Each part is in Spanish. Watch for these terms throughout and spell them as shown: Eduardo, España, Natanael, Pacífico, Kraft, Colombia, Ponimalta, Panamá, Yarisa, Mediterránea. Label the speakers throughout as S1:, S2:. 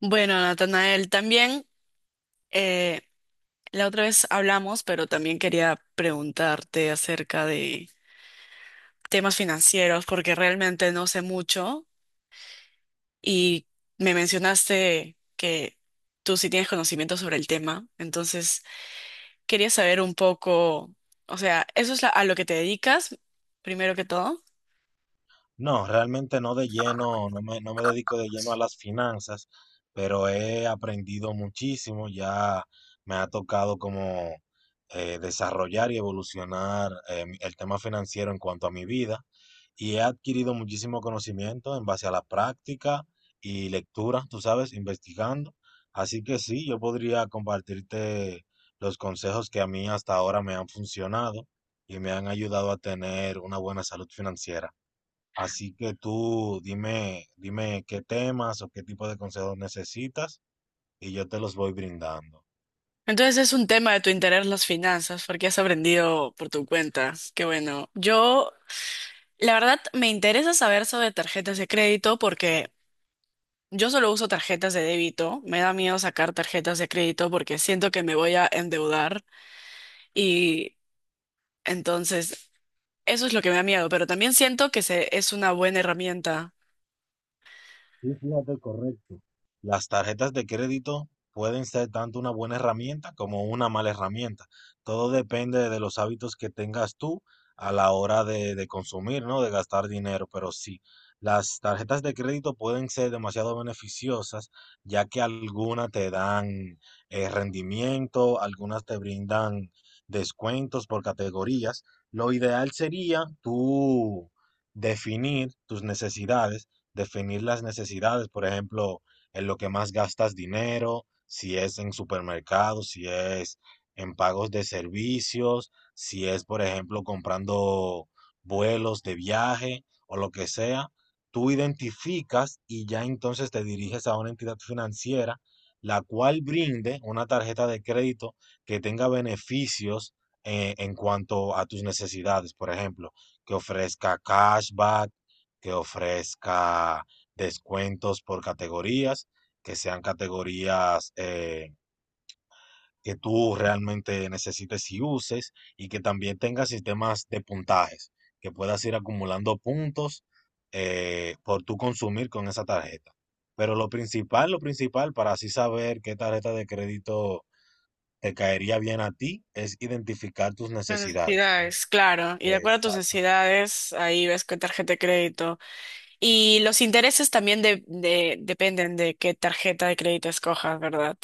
S1: Bueno, Natanael, también eh, la otra vez hablamos, pero también quería preguntarte acerca de temas financieros, porque realmente no sé mucho y me mencionaste que tú sí tienes conocimiento sobre el tema, entonces quería saber un poco, o sea, a lo que te dedicas, primero que todo.
S2: No, realmente no de lleno, no me dedico de lleno a las finanzas, pero he aprendido muchísimo, ya me ha tocado como desarrollar y evolucionar el tema financiero en cuanto a mi vida y he adquirido muchísimo conocimiento en base a la práctica y lectura, tú sabes, investigando. Así que sí, yo podría compartirte los consejos que a mí hasta ahora me han funcionado y me han ayudado a tener una buena salud financiera. Así que tú dime qué temas o qué tipo de consejos necesitas y yo te los voy brindando.
S1: Entonces es un tema de tu interés las finanzas, porque has aprendido por tu cuenta. Qué bueno. Yo La verdad, me interesa saber sobre tarjetas de crédito porque yo solo uso tarjetas de débito. Me da miedo sacar tarjetas de crédito porque siento que me voy a endeudar y entonces eso es lo que me da miedo, pero también siento es una buena herramienta.
S2: Sí, fíjate, correcto. Las tarjetas de crédito pueden ser tanto una buena herramienta como una mala herramienta. Todo depende de los hábitos que tengas tú a la hora de consumir, ¿no? De gastar dinero. Pero sí, las tarjetas de crédito pueden ser demasiado beneficiosas, ya que algunas te dan rendimiento, algunas te brindan descuentos por categorías. Lo ideal sería tú definir tus necesidades definir las necesidades, por ejemplo, en lo que más gastas dinero, si es en supermercados, si es en pagos de servicios, si es, por ejemplo, comprando vuelos de viaje o lo que sea. Tú identificas y ya entonces te diriges a una entidad financiera, la cual brinde una tarjeta de crédito que tenga beneficios en cuanto a tus necesidades, por ejemplo, que ofrezca cashback, que ofrezca descuentos por categorías, que sean categorías que tú realmente necesites y uses, y que también tenga sistemas de puntajes, que puedas ir acumulando puntos por tú consumir con esa tarjeta. Pero lo principal para así saber qué tarjeta de crédito te caería bien a ti es identificar tus
S1: Las
S2: necesidades.
S1: necesidades, claro. Y de acuerdo a tus
S2: Exacto.
S1: necesidades, ahí ves qué tarjeta de crédito. Y los intereses también dependen de qué tarjeta de crédito escojas, ¿verdad?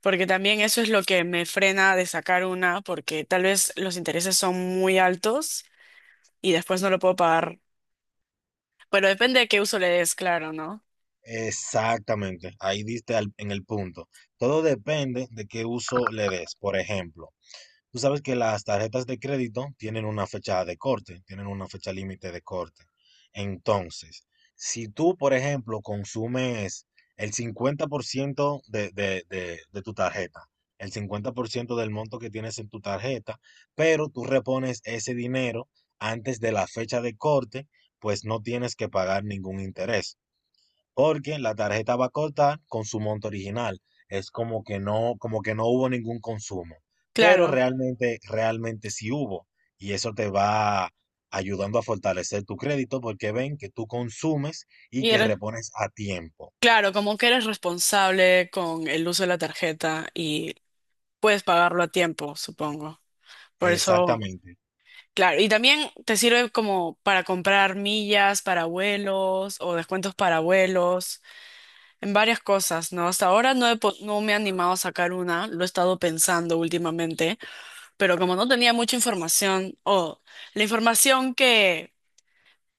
S1: Porque también eso es lo que me frena de sacar una, porque tal vez los intereses son muy altos y después no lo puedo pagar. Pero depende de qué uso le des, claro, ¿no?
S2: Exactamente, ahí diste en el punto. Todo depende de qué uso le des. Por ejemplo, tú sabes que las tarjetas de crédito tienen una fecha de corte, tienen una fecha límite de corte. Entonces, si tú, por ejemplo, consumes el 50% de tu tarjeta, el 50% del monto que tienes en tu tarjeta, pero tú repones ese dinero antes de la fecha de corte, pues no tienes que pagar ningún interés porque la tarjeta va a cortar con su monto original. Es como que no hubo ningún consumo, pero
S1: Claro.
S2: realmente, realmente sí hubo. Y eso te va ayudando a fortalecer tu crédito porque ven que tú consumes y
S1: Y
S2: que
S1: eres,
S2: repones a tiempo.
S1: claro, como que eres responsable con el uso de la tarjeta y puedes pagarlo a tiempo, supongo. Por eso,
S2: Exactamente.
S1: claro. Y también te sirve como para comprar millas para vuelos o descuentos para vuelos en varias cosas, ¿no? Hasta ahora no me he animado a sacar una, lo he estado pensando últimamente, pero como no tenía mucha información, o la información que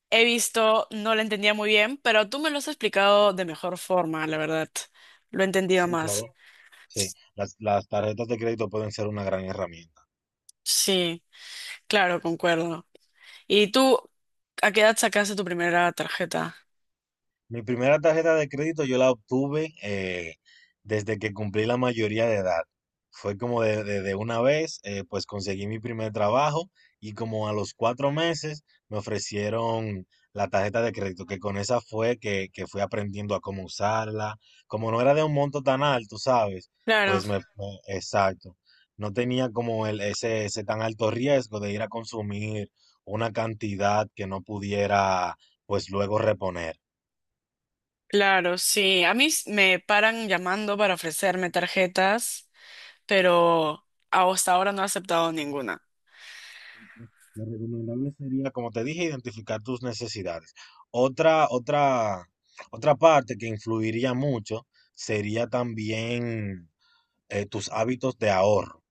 S1: he visto no la entendía muy bien, pero tú me lo has explicado de mejor forma, la verdad. Lo he entendido
S2: Sí, claro.
S1: más.
S2: Sí, las tarjetas de crédito pueden ser una gran herramienta.
S1: Sí, claro, concuerdo. ¿Y tú, a qué edad sacaste tu primera tarjeta?
S2: Mi primera tarjeta de crédito yo la obtuve desde que cumplí la mayoría de edad. Fue como de una vez, pues conseguí mi primer trabajo y como a los 4 meses me ofrecieron la tarjeta de crédito, que con esa fue que fui aprendiendo a cómo usarla. Como no era de un monto tan alto, ¿sabes?
S1: Claro,
S2: Pues exacto. No tenía como ese tan alto riesgo de ir a consumir una cantidad que no pudiera, pues luego reponer.
S1: claro, sí. Me paran llamando para ofrecerme tarjetas, pero hasta ahora no he aceptado ninguna.
S2: Lo recomendable sería, como te dije, identificar tus necesidades. Otra, otra, otra parte que influiría mucho sería también tus hábitos de ahorro.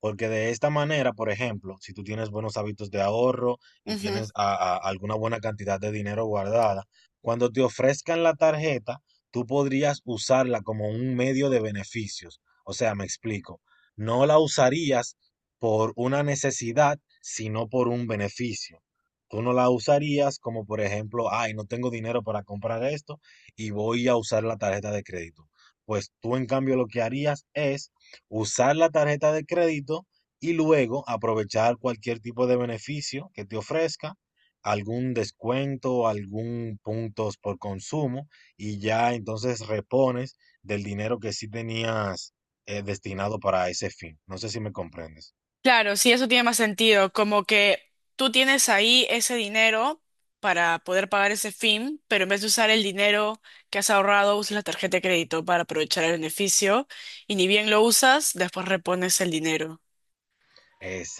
S2: Porque de esta manera, por ejemplo, si tú tienes buenos hábitos de ahorro y tienes alguna buena cantidad de dinero guardada, cuando te ofrezcan la tarjeta, tú podrías usarla como un medio de beneficios. O sea, me explico, no la usarías por una necesidad, sino por un beneficio. Tú no la usarías como, por ejemplo, ay, no tengo dinero para comprar esto y voy a usar la tarjeta de crédito. Pues tú, en cambio, lo que harías es usar la tarjeta de crédito y luego aprovechar cualquier tipo de beneficio que te ofrezca, algún descuento, algún puntos por consumo y ya entonces repones del dinero que sí tenías destinado para ese fin. No sé si me comprendes.
S1: Claro, sí, eso tiene más sentido, como que tú tienes ahí ese dinero para poder pagar ese fin, pero en vez de usar el dinero que has ahorrado, usas la tarjeta de crédito para aprovechar el beneficio y ni bien lo usas, después repones el dinero.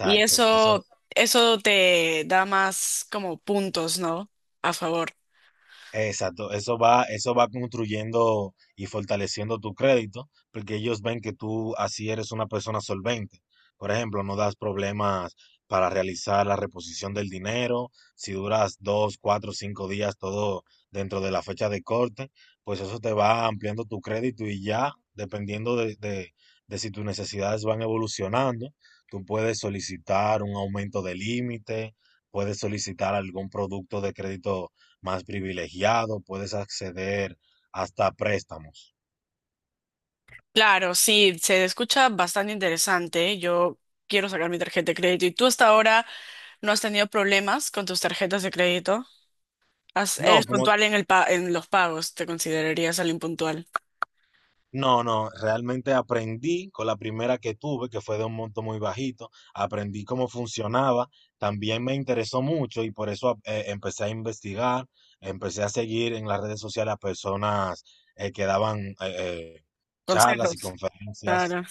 S1: Y
S2: eso,
S1: eso te da más como puntos, ¿no? A favor.
S2: Exacto, eso va construyendo y fortaleciendo tu crédito, porque ellos ven que tú así eres una persona solvente. Por ejemplo, no das problemas para realizar la reposición del dinero, si duras 2, 4, 5 días todo dentro de la fecha de corte, pues eso te va ampliando tu crédito y ya, dependiendo de si tus necesidades van evolucionando, tú puedes solicitar un aumento de límite, puedes solicitar algún producto de crédito más privilegiado, puedes acceder hasta préstamos.
S1: Claro, sí, se escucha bastante interesante. Yo quiero sacar mi tarjeta de crédito. ¿Y tú hasta ahora no has tenido problemas con tus tarjetas de crédito?
S2: No,
S1: Eres
S2: como,
S1: puntual en en los pagos, te considerarías alguien puntual.
S2: no, no, realmente aprendí con la primera que tuve, que fue de un monto muy bajito, aprendí cómo funcionaba, también me interesó mucho y por eso empecé a investigar, empecé a seguir en las redes sociales a personas que daban charlas y
S1: Consejos.
S2: conferencias
S1: Claro,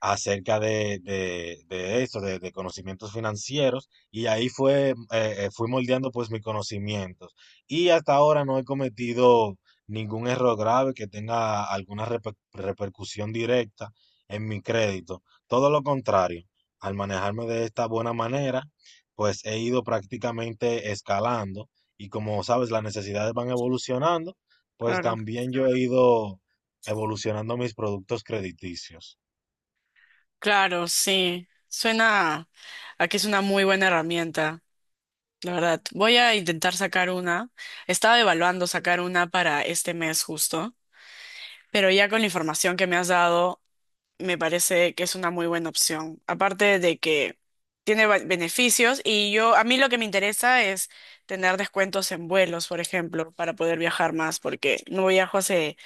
S2: acerca de eso, de conocimientos financieros, y ahí fue, fui moldeando pues mis conocimientos. Y hasta ahora no he cometido ningún error grave que tenga alguna repercusión directa en mi crédito. Todo lo contrario, al manejarme de esta buena manera, pues he ido prácticamente escalando y como sabes, las necesidades van evolucionando, pues
S1: claro.
S2: también yo he ido evolucionando mis productos crediticios.
S1: Claro, sí. Suena a que es una muy buena herramienta, la verdad. Voy a intentar sacar una. Estaba evaluando sacar una para este mes justo, pero ya con la información que me has dado, me parece que es una muy buena opción. Aparte de que tiene beneficios y yo, a mí lo que me interesa es tener descuentos en vuelos, por ejemplo, para poder viajar más, porque no viajo hace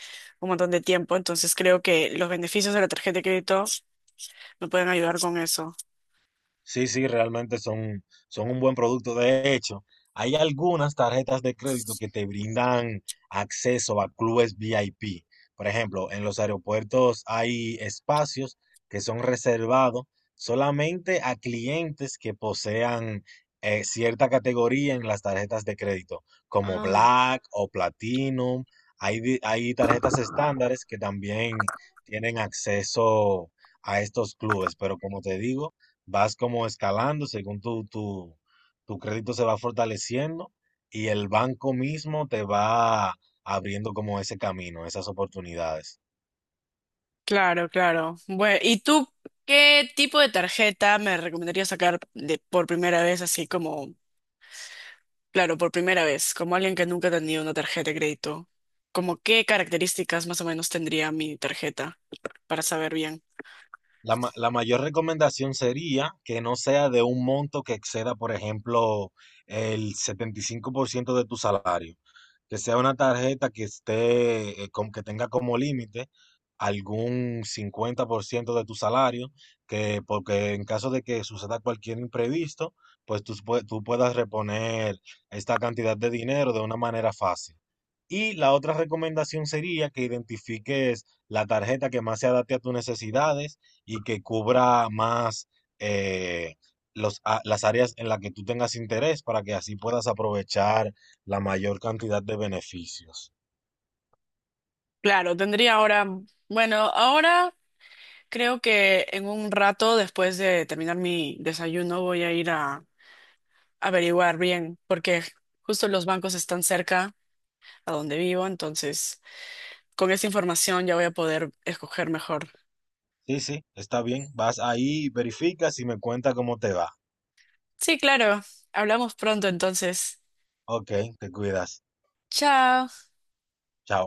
S1: un montón de tiempo, entonces creo que los beneficios de la tarjeta de crédito me pueden ayudar con eso.
S2: Sí, sí, realmente son un buen producto. De hecho, hay algunas tarjetas de crédito que te brindan acceso a clubes VIP. Por ejemplo, en los aeropuertos hay espacios que son reservados solamente a clientes que posean cierta categoría en las tarjetas de crédito, como
S1: Ah,
S2: Black o Platinum. Hay tarjetas estándares que también tienen acceso a estos clubes, pero como te digo vas como escalando según tu crédito se va fortaleciendo y el banco mismo te va abriendo como ese camino, esas oportunidades.
S1: claro, claro. Bueno, ¿y tú qué tipo de tarjeta me recomendarías sacar de, por primera vez, así como Claro, por primera vez, como alguien que nunca ha tenido una tarjeta de crédito, ¿como qué características más o menos tendría mi tarjeta para saber bien?
S2: La mayor recomendación sería que no sea de un monto que exceda, por ejemplo, el 75% de tu salario. Que sea una tarjeta que esté, que tenga como límite algún 50% de tu salario, que porque en caso de que suceda cualquier imprevisto, pues tú puedas reponer esta cantidad de dinero de una manera fácil. Y la otra recomendación sería que identifiques la tarjeta que más se adapte a tus necesidades y que cubra más eh, las áreas en las que tú tengas interés para que así puedas aprovechar la mayor cantidad de beneficios.
S1: Claro, tendría ahora, bueno, ahora creo que en un rato después de terminar mi desayuno voy a ir a averiguar bien, porque justo los bancos están cerca a donde vivo, entonces con esa información ya voy a poder escoger mejor.
S2: Sí, sí, está bien. Vas ahí, verificas y me cuenta cómo te va.
S1: Sí, claro, hablamos pronto entonces.
S2: Ok, te cuidas.
S1: Chao.
S2: Chao.